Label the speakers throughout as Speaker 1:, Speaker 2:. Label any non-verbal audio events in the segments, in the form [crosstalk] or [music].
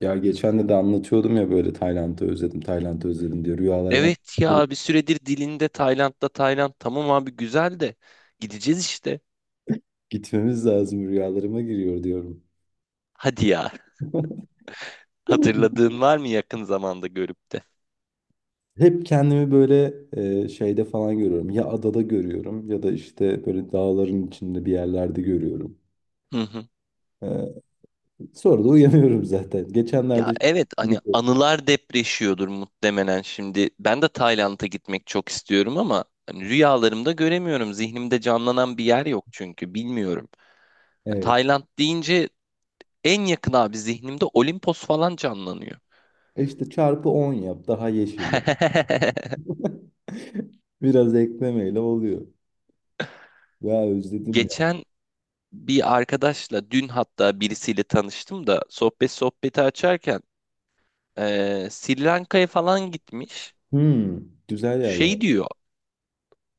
Speaker 1: Ya geçen de anlatıyordum ya böyle Tayland'ı özledim, Tayland'ı özledim diyor. Rüyalarıma
Speaker 2: Evet
Speaker 1: girip
Speaker 2: ya bir süredir dilinde Tayland'da Tayland tamam abi güzel de gideceğiz işte.
Speaker 1: gitmemiz lazım, rüyalarıma giriyor diyorum.
Speaker 2: Hadi ya.
Speaker 1: [laughs]
Speaker 2: [laughs] Hatırladığın var mı yakın zamanda görüp de?
Speaker 1: Hep kendimi böyle şeyde falan görüyorum. Ya adada görüyorum ya da işte böyle dağların içinde bir yerlerde görüyorum.
Speaker 2: Hı hı.
Speaker 1: E, sonra da uyanıyorum zaten.
Speaker 2: Ya
Speaker 1: Geçenlerde
Speaker 2: evet hani
Speaker 1: [laughs]
Speaker 2: anılar depreşiyordur muhtemelen şimdi. Ben de Tayland'a gitmek çok istiyorum ama hani rüyalarımda göremiyorum. Zihnimde canlanan bir yer yok çünkü bilmiyorum. Yani
Speaker 1: evet.
Speaker 2: Tayland deyince en yakın abi zihnimde Olimpos falan canlanıyor.
Speaker 1: E işte çarpı 10 yap daha yeşil ya.
Speaker 2: [laughs]
Speaker 1: [laughs] Biraz eklemeyle oluyor. Ya özledim ya.
Speaker 2: Geçen bir arkadaşla dün hatta birisiyle tanıştım da sohbeti açarken Sri Lanka'ya falan gitmiş.
Speaker 1: Hmm, güzel yerler.
Speaker 2: Şey diyor,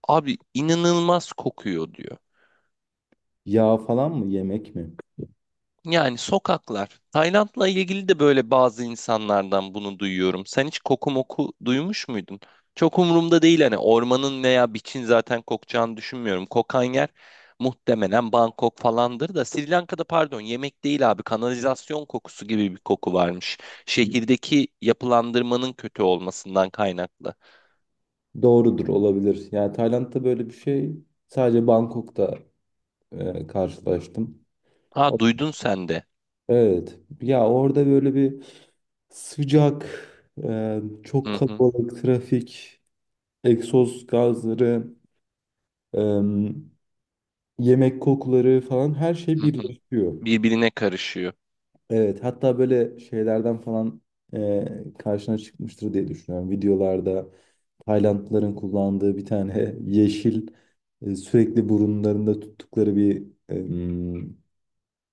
Speaker 2: abi inanılmaz kokuyor diyor.
Speaker 1: Yağ falan mı yemek mi?
Speaker 2: Yani sokaklar. Tayland'la ilgili de böyle bazı insanlardan bunu duyuyorum. Sen hiç koku moku duymuş muydun? Çok umurumda değil, hani ormanın veya biçin zaten kokacağını düşünmüyorum. Kokan yer muhtemelen Bangkok falandır da, Sri Lanka'da pardon, yemek değil abi, kanalizasyon kokusu gibi bir koku varmış. Şehirdeki yapılandırmanın kötü olmasından kaynaklı.
Speaker 1: Doğrudur olabilir. Yani Tayland'da böyle bir şey sadece Bangkok'ta karşılaştım.
Speaker 2: Ha,
Speaker 1: O-
Speaker 2: duydun sen de.
Speaker 1: Evet. Ya orada böyle bir sıcak, çok
Speaker 2: Hı hı,
Speaker 1: kalabalık trafik, egzoz gazları, e, yemek kokuları falan her şey
Speaker 2: hı hı.
Speaker 1: birleşiyor.
Speaker 2: Birbirine karışıyor.
Speaker 1: Evet, hatta böyle şeylerden falan karşına çıkmıştır diye düşünüyorum. Videolarda Taylandlıların kullandığı bir tane [laughs] yeşil sürekli burunlarında tuttukları bir e, m,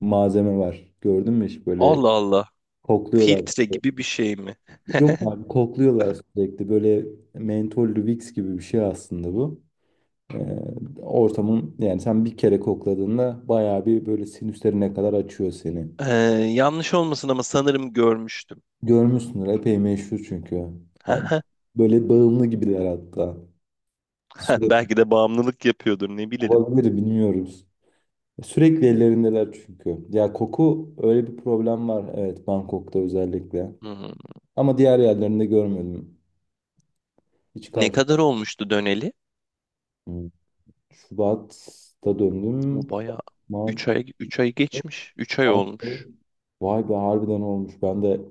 Speaker 1: malzeme var. Gördün mü hiç? Böyle
Speaker 2: Allah Allah.
Speaker 1: kokluyorlar.
Speaker 2: Filtre gibi bir şey mi?
Speaker 1: Yok abi, kokluyorlar sürekli. Böyle mentollü Vicks gibi bir şey aslında bu. E, ortamın yani sen bir kere kokladığında bayağı bir böyle sinüslerine kadar açıyor seni.
Speaker 2: Ee, yanlış olmasın ama sanırım görmüştüm.
Speaker 1: Görmüşsündür. Epey meşhur çünkü. Ha,
Speaker 2: [laughs]
Speaker 1: böyle bağımlı gibiler hatta. Sürekli
Speaker 2: Belki de bağımlılık yapıyordur, ne bilelim.
Speaker 1: olabilir, bilmiyoruz. Sürekli ellerindeler çünkü. Ya, koku öyle bir problem var. Evet, Bangkok'ta özellikle.
Speaker 2: Hmm.
Speaker 1: Ama diğer yerlerinde görmedim. Hiç
Speaker 2: Ne
Speaker 1: karşı.
Speaker 2: kadar olmuştu döneli?
Speaker 1: Hmm. Şubat'ta döndüm.
Speaker 2: Bu bayağı
Speaker 1: Mart,
Speaker 2: 3 ay, 3 ay geçmiş. üç ay
Speaker 1: Mart'ta.
Speaker 2: olmuş.
Speaker 1: Vay be, harbiden olmuş. Ben de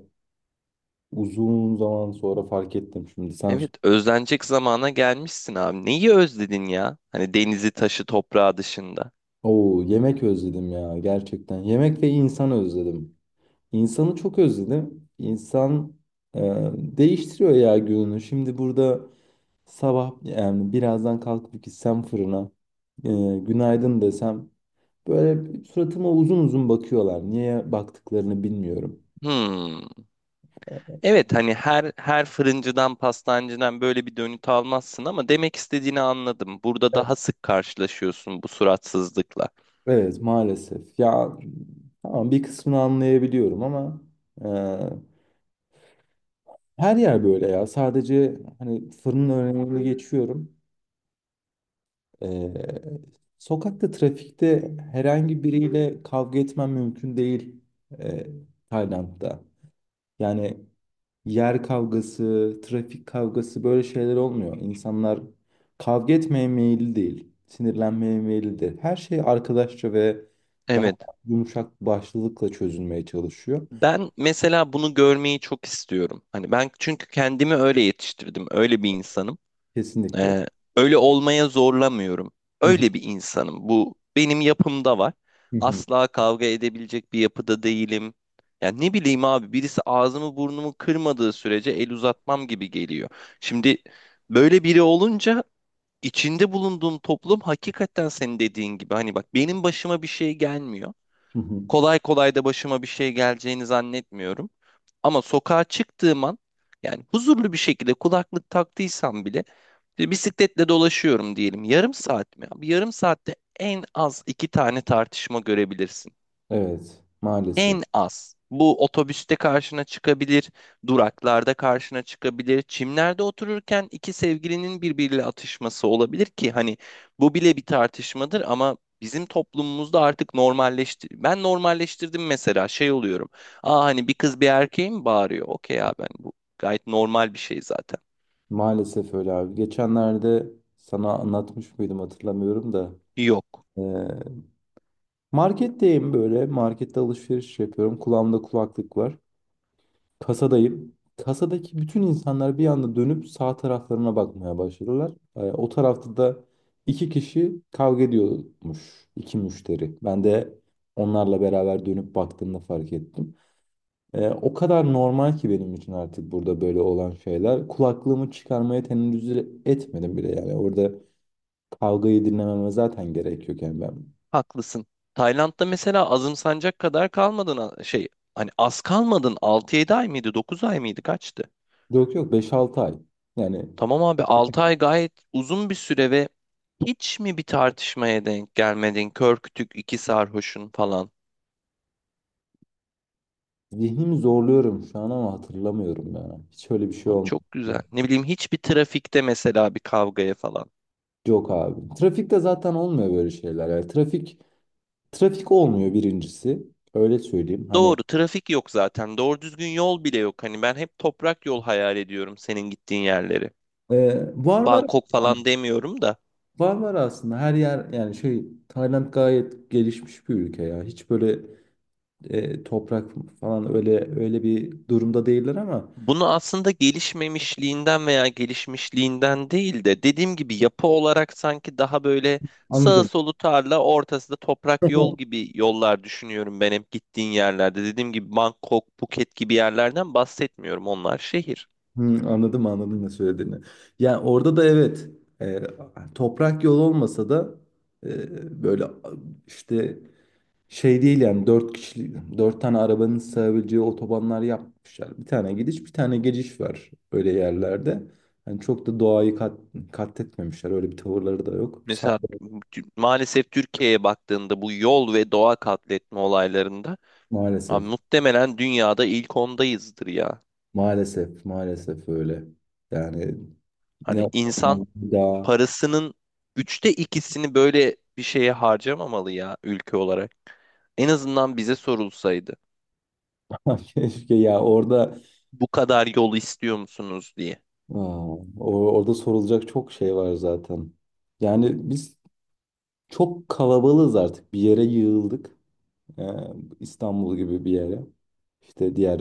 Speaker 1: uzun zaman sonra fark ettim şimdi.
Speaker 2: Evet, özlenecek zamana gelmişsin abi. Neyi özledin ya? Hani denizi, taşı, toprağı dışında.
Speaker 1: Oo, yemek özledim ya gerçekten. Yemek ve insan özledim. İnsanı çok özledim. İnsan e, değiştiriyor ya gününü. Şimdi burada sabah yani birazdan kalkıp gitsem fırına, e, günaydın desem, böyle suratıma uzun uzun bakıyorlar. Niye baktıklarını bilmiyorum.
Speaker 2: Hmm. Evet, hani her fırıncıdan, pastancıdan böyle bir dönüt almazsın ama demek istediğini anladım. Burada daha sık karşılaşıyorsun bu suratsızlıkla.
Speaker 1: Evet, maalesef. Ya tamam, bir kısmını anlayabiliyorum ama e, her yer böyle ya. Sadece hani fırının önüne geçiyorum. Ee, sokakta, trafikte herhangi biriyle kavga etmen mümkün değil e, Tayland'da. Yani yer kavgası, trafik kavgası, böyle şeyler olmuyor. İnsanlar kavga etmeye meyilli değil, sinirlenmeye meyillidir. Her şey arkadaşça ve daha
Speaker 2: Evet.
Speaker 1: yumuşak başlılıkla çözülmeye çalışıyor.
Speaker 2: Ben mesela bunu görmeyi çok istiyorum. Hani ben çünkü kendimi öyle yetiştirdim. Öyle bir insanım.
Speaker 1: Kesinlikle.
Speaker 2: Ee, öyle olmaya zorlamıyorum.
Speaker 1: Hı hı,
Speaker 2: Öyle bir insanım. Bu benim yapımda var.
Speaker 1: hı hı,
Speaker 2: Asla kavga edebilecek bir yapıda değilim. Yani ne bileyim abi, birisi ağzımı burnumu kırmadığı sürece el uzatmam gibi geliyor. Şimdi böyle biri olunca İçinde bulunduğun toplum, hakikaten senin dediğin gibi, hani bak benim başıma bir şey gelmiyor.
Speaker 1: hı hı.
Speaker 2: Kolay kolay da başıma bir şey geleceğini zannetmiyorum. Ama sokağa çıktığım an, yani huzurlu bir şekilde kulaklık taktıysam bile, işte bisikletle dolaşıyorum diyelim. Yarım saat mi? Bir yarım saatte en az iki tane tartışma görebilirsin.
Speaker 1: Evet, maalesef.
Speaker 2: En az. Bu otobüste karşına çıkabilir, duraklarda karşına çıkabilir. Çimlerde otururken iki sevgilinin birbiriyle atışması olabilir ki hani bu bile bir tartışmadır ama bizim toplumumuzda artık normalleşti. Ben normalleştirdim mesela, şey oluyorum. Aa, hani bir kız bir erkeğe mi bağırıyor? Okey ya, ben bu gayet normal bir şey zaten.
Speaker 1: Maalesef öyle abi. Geçenlerde sana anlatmış mıydım, hatırlamıyorum da.
Speaker 2: Yok.
Speaker 1: Ee, marketteyim böyle. Markette alışveriş yapıyorum. Kulağımda kulaklık var. Kasadayım. Kasadaki bütün insanlar bir anda dönüp sağ taraflarına bakmaya başladılar. O tarafta da iki kişi kavga ediyormuş. İki müşteri. Ben de onlarla beraber dönüp baktığımda fark ettim. O kadar normal ki benim için artık burada böyle olan şeyler. Kulaklığımı çıkarmaya tenezzül etmedim bile yani. Orada kavgayı dinlememe zaten gerek yok yani, ben.
Speaker 2: Haklısın. Tayland'da mesela azımsanacak kadar kalmadın, şey, hani az kalmadın, 6 7 ay mıydı, 9 ay mıydı, kaçtı?
Speaker 1: Yok yok, 5 6 ay. Yani
Speaker 2: Tamam abi, 6 ay gayet uzun bir süre ve hiç mi bir tartışmaya denk gelmedin? Kör kütük iki sarhoşun falan.
Speaker 1: zihnimi zorluyorum şu an ama hatırlamıyorum yani. Hiç öyle bir şey
Speaker 2: Abi
Speaker 1: olmadı.
Speaker 2: çok güzel. Ne bileyim, hiçbir trafikte mesela bir kavgaya falan.
Speaker 1: Yok abi. Trafikte zaten olmuyor böyle şeyler. Yani trafik, trafik olmuyor birincisi. Öyle söyleyeyim. Hani
Speaker 2: Doğru, trafik yok zaten. Doğru düzgün yol bile yok. Hani ben hep toprak yol hayal ediyorum senin gittiğin yerleri.
Speaker 1: var var
Speaker 2: Bangkok falan demiyorum da.
Speaker 1: var var aslında her yer, yani şey, Tayland gayet gelişmiş bir ülke ya. Hiç böyle toprak falan öyle öyle bir durumda değiller ama
Speaker 2: Bunu aslında gelişmemişliğinden veya gelişmişliğinden değil de, dediğim gibi yapı olarak sanki daha böyle sağı
Speaker 1: anladım.
Speaker 2: solu tarla, ortası da toprak yol
Speaker 1: [laughs]
Speaker 2: gibi yollar düşünüyorum ben hep gittiğin yerlerde. Dediğim gibi Bangkok, Phuket gibi yerlerden bahsetmiyorum, onlar şehir.
Speaker 1: Hmm, anladım anladım ne söylediğini. Yani orada da evet, e, toprak yol olmasa da böyle işte, şey değil yani, dört kişilik dört tane arabanın sığabileceği otobanlar yapmışlar. Bir tane gidiş, bir tane geliş var öyle yerlerde. Yani çok da doğayı katletmemişler, öyle bir tavırları da yok. Sağ
Speaker 2: Mesela maalesef Türkiye'ye baktığında bu yol ve doğa katletme olaylarında,
Speaker 1: maalesef
Speaker 2: abi muhtemelen dünyada ilk ondayızdır ya.
Speaker 1: maalesef maalesef öyle. Yani
Speaker 2: Hani
Speaker 1: ne
Speaker 2: insan
Speaker 1: daha
Speaker 2: parasının üçte ikisini böyle bir şeye harcamamalı ya, ülke olarak. En azından bize sorulsaydı.
Speaker 1: [laughs] keşke ya, orada
Speaker 2: Bu kadar yol istiyor musunuz diye.
Speaker 1: Aa, orada sorulacak çok şey var zaten. Yani biz çok kalabalığız artık. Bir yere yığıldık. Ee, İstanbul gibi bir yere. İşte diğer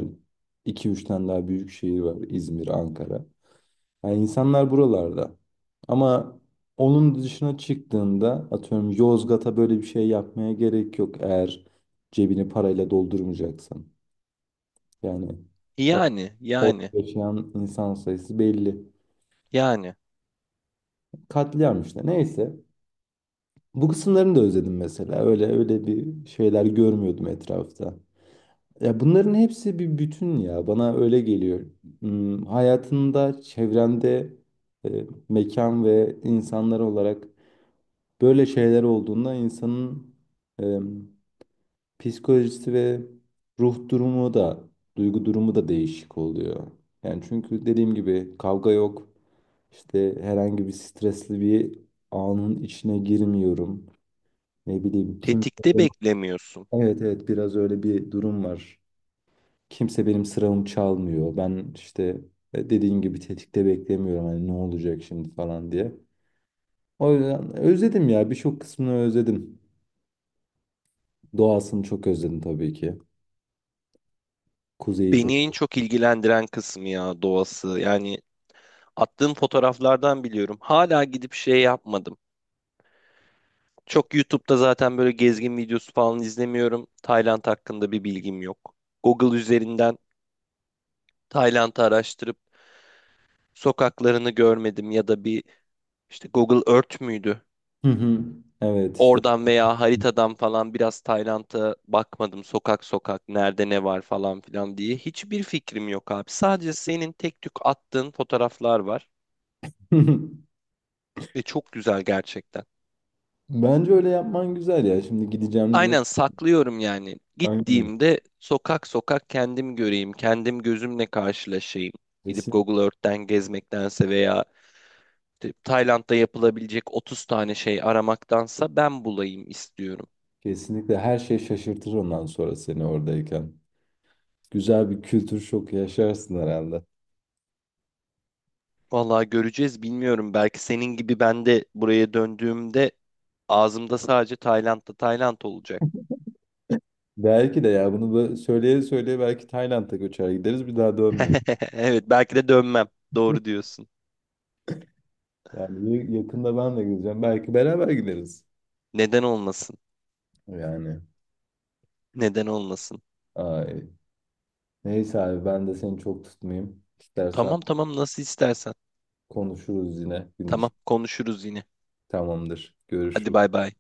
Speaker 1: iki 3 tane daha büyük şehir var. İzmir, Ankara. Yani insanlar buralarda. Ama onun dışına çıktığında, atıyorum, Yozgat'a böyle bir şey yapmaya gerek yok. Eğer cebini parayla doldurmayacaksan. Yani o,
Speaker 2: Yani,
Speaker 1: orada
Speaker 2: yani,
Speaker 1: yaşayan insan sayısı belli.
Speaker 2: yani.
Speaker 1: Katliam işte. Neyse. Bu kısımlarını da özledim mesela. Öyle öyle bir şeyler görmüyordum etrafta. Ya, bunların hepsi bir bütün ya. Bana öyle geliyor. Hayatında, çevrende, mekan ve insanlar olarak böyle şeyler olduğunda insanın e, psikolojisi ve ruh durumu da, duygu durumu da değişik oluyor. Yani çünkü dediğim gibi kavga yok. İşte herhangi bir stresli bir anın içine girmiyorum. Ne bileyim, kimse.
Speaker 2: Tetikte beklemiyorsun.
Speaker 1: Evet evet, biraz öyle bir durum var. Kimse benim sıramı çalmıyor. Ben işte dediğin gibi tetikte beklemiyorum, hani ne olacak şimdi falan diye. O yüzden özledim ya, birçok kısmını özledim. Doğasını çok özledim tabii ki. Kuzeyi çok.
Speaker 2: Beni en çok ilgilendiren kısmı ya, doğası. Yani attığım fotoğraflardan biliyorum. Hala gidip şey yapmadım. Çok YouTube'da zaten böyle gezgin videosu falan izlemiyorum. Tayland hakkında bir bilgim yok. Google üzerinden Tayland'ı araştırıp sokaklarını görmedim ya da bir, İşte Google Earth müydü?
Speaker 1: Hı hı. Evet işte.
Speaker 2: Oradan veya haritadan falan biraz Tayland'a bakmadım. Sokak sokak nerede ne var falan filan diye. Hiçbir fikrim yok abi. Sadece senin tek tük attığın fotoğraflar var.
Speaker 1: [laughs]
Speaker 2: Ve çok güzel gerçekten.
Speaker 1: Bence öyle yapman güzel ya. Şimdi gideceğim diyor.
Speaker 2: Aynen, saklıyorum yani.
Speaker 1: Aynen.
Speaker 2: Gittiğimde sokak sokak kendim göreyim. Kendim gözümle karşılaşayım. Gidip
Speaker 1: Kesin,
Speaker 2: Google Earth'ten gezmektense, veya işte Tayland'da yapılabilecek 30 tane şey aramaktansa, ben bulayım istiyorum.
Speaker 1: kesinlikle her şey şaşırtır ondan sonra seni oradayken. Güzel bir kültür şoku yaşarsın herhalde.
Speaker 2: Vallahi göreceğiz, bilmiyorum. Belki senin gibi ben de buraya döndüğümde ağzımda sadece Tayland'da Tayland olacak.
Speaker 1: Belki de ya, bunu söyleye söyleye belki Tayland'a göçer gideriz, bir daha dönmeyiz.
Speaker 2: [laughs] Evet belki de dönmem. Doğru
Speaker 1: [laughs]
Speaker 2: diyorsun.
Speaker 1: Yani yakında ben de gideceğim. Belki beraber gideriz.
Speaker 2: Neden olmasın?
Speaker 1: Yani.
Speaker 2: Neden olmasın?
Speaker 1: Ay. Neyse abi, ben de seni çok tutmayayım. İstersen
Speaker 2: Tamam tamam, nasıl istersen.
Speaker 1: konuşuruz yine gün
Speaker 2: Tamam,
Speaker 1: için.
Speaker 2: konuşuruz yine.
Speaker 1: Tamamdır.
Speaker 2: Hadi,
Speaker 1: Görüşürüz.
Speaker 2: bay bay.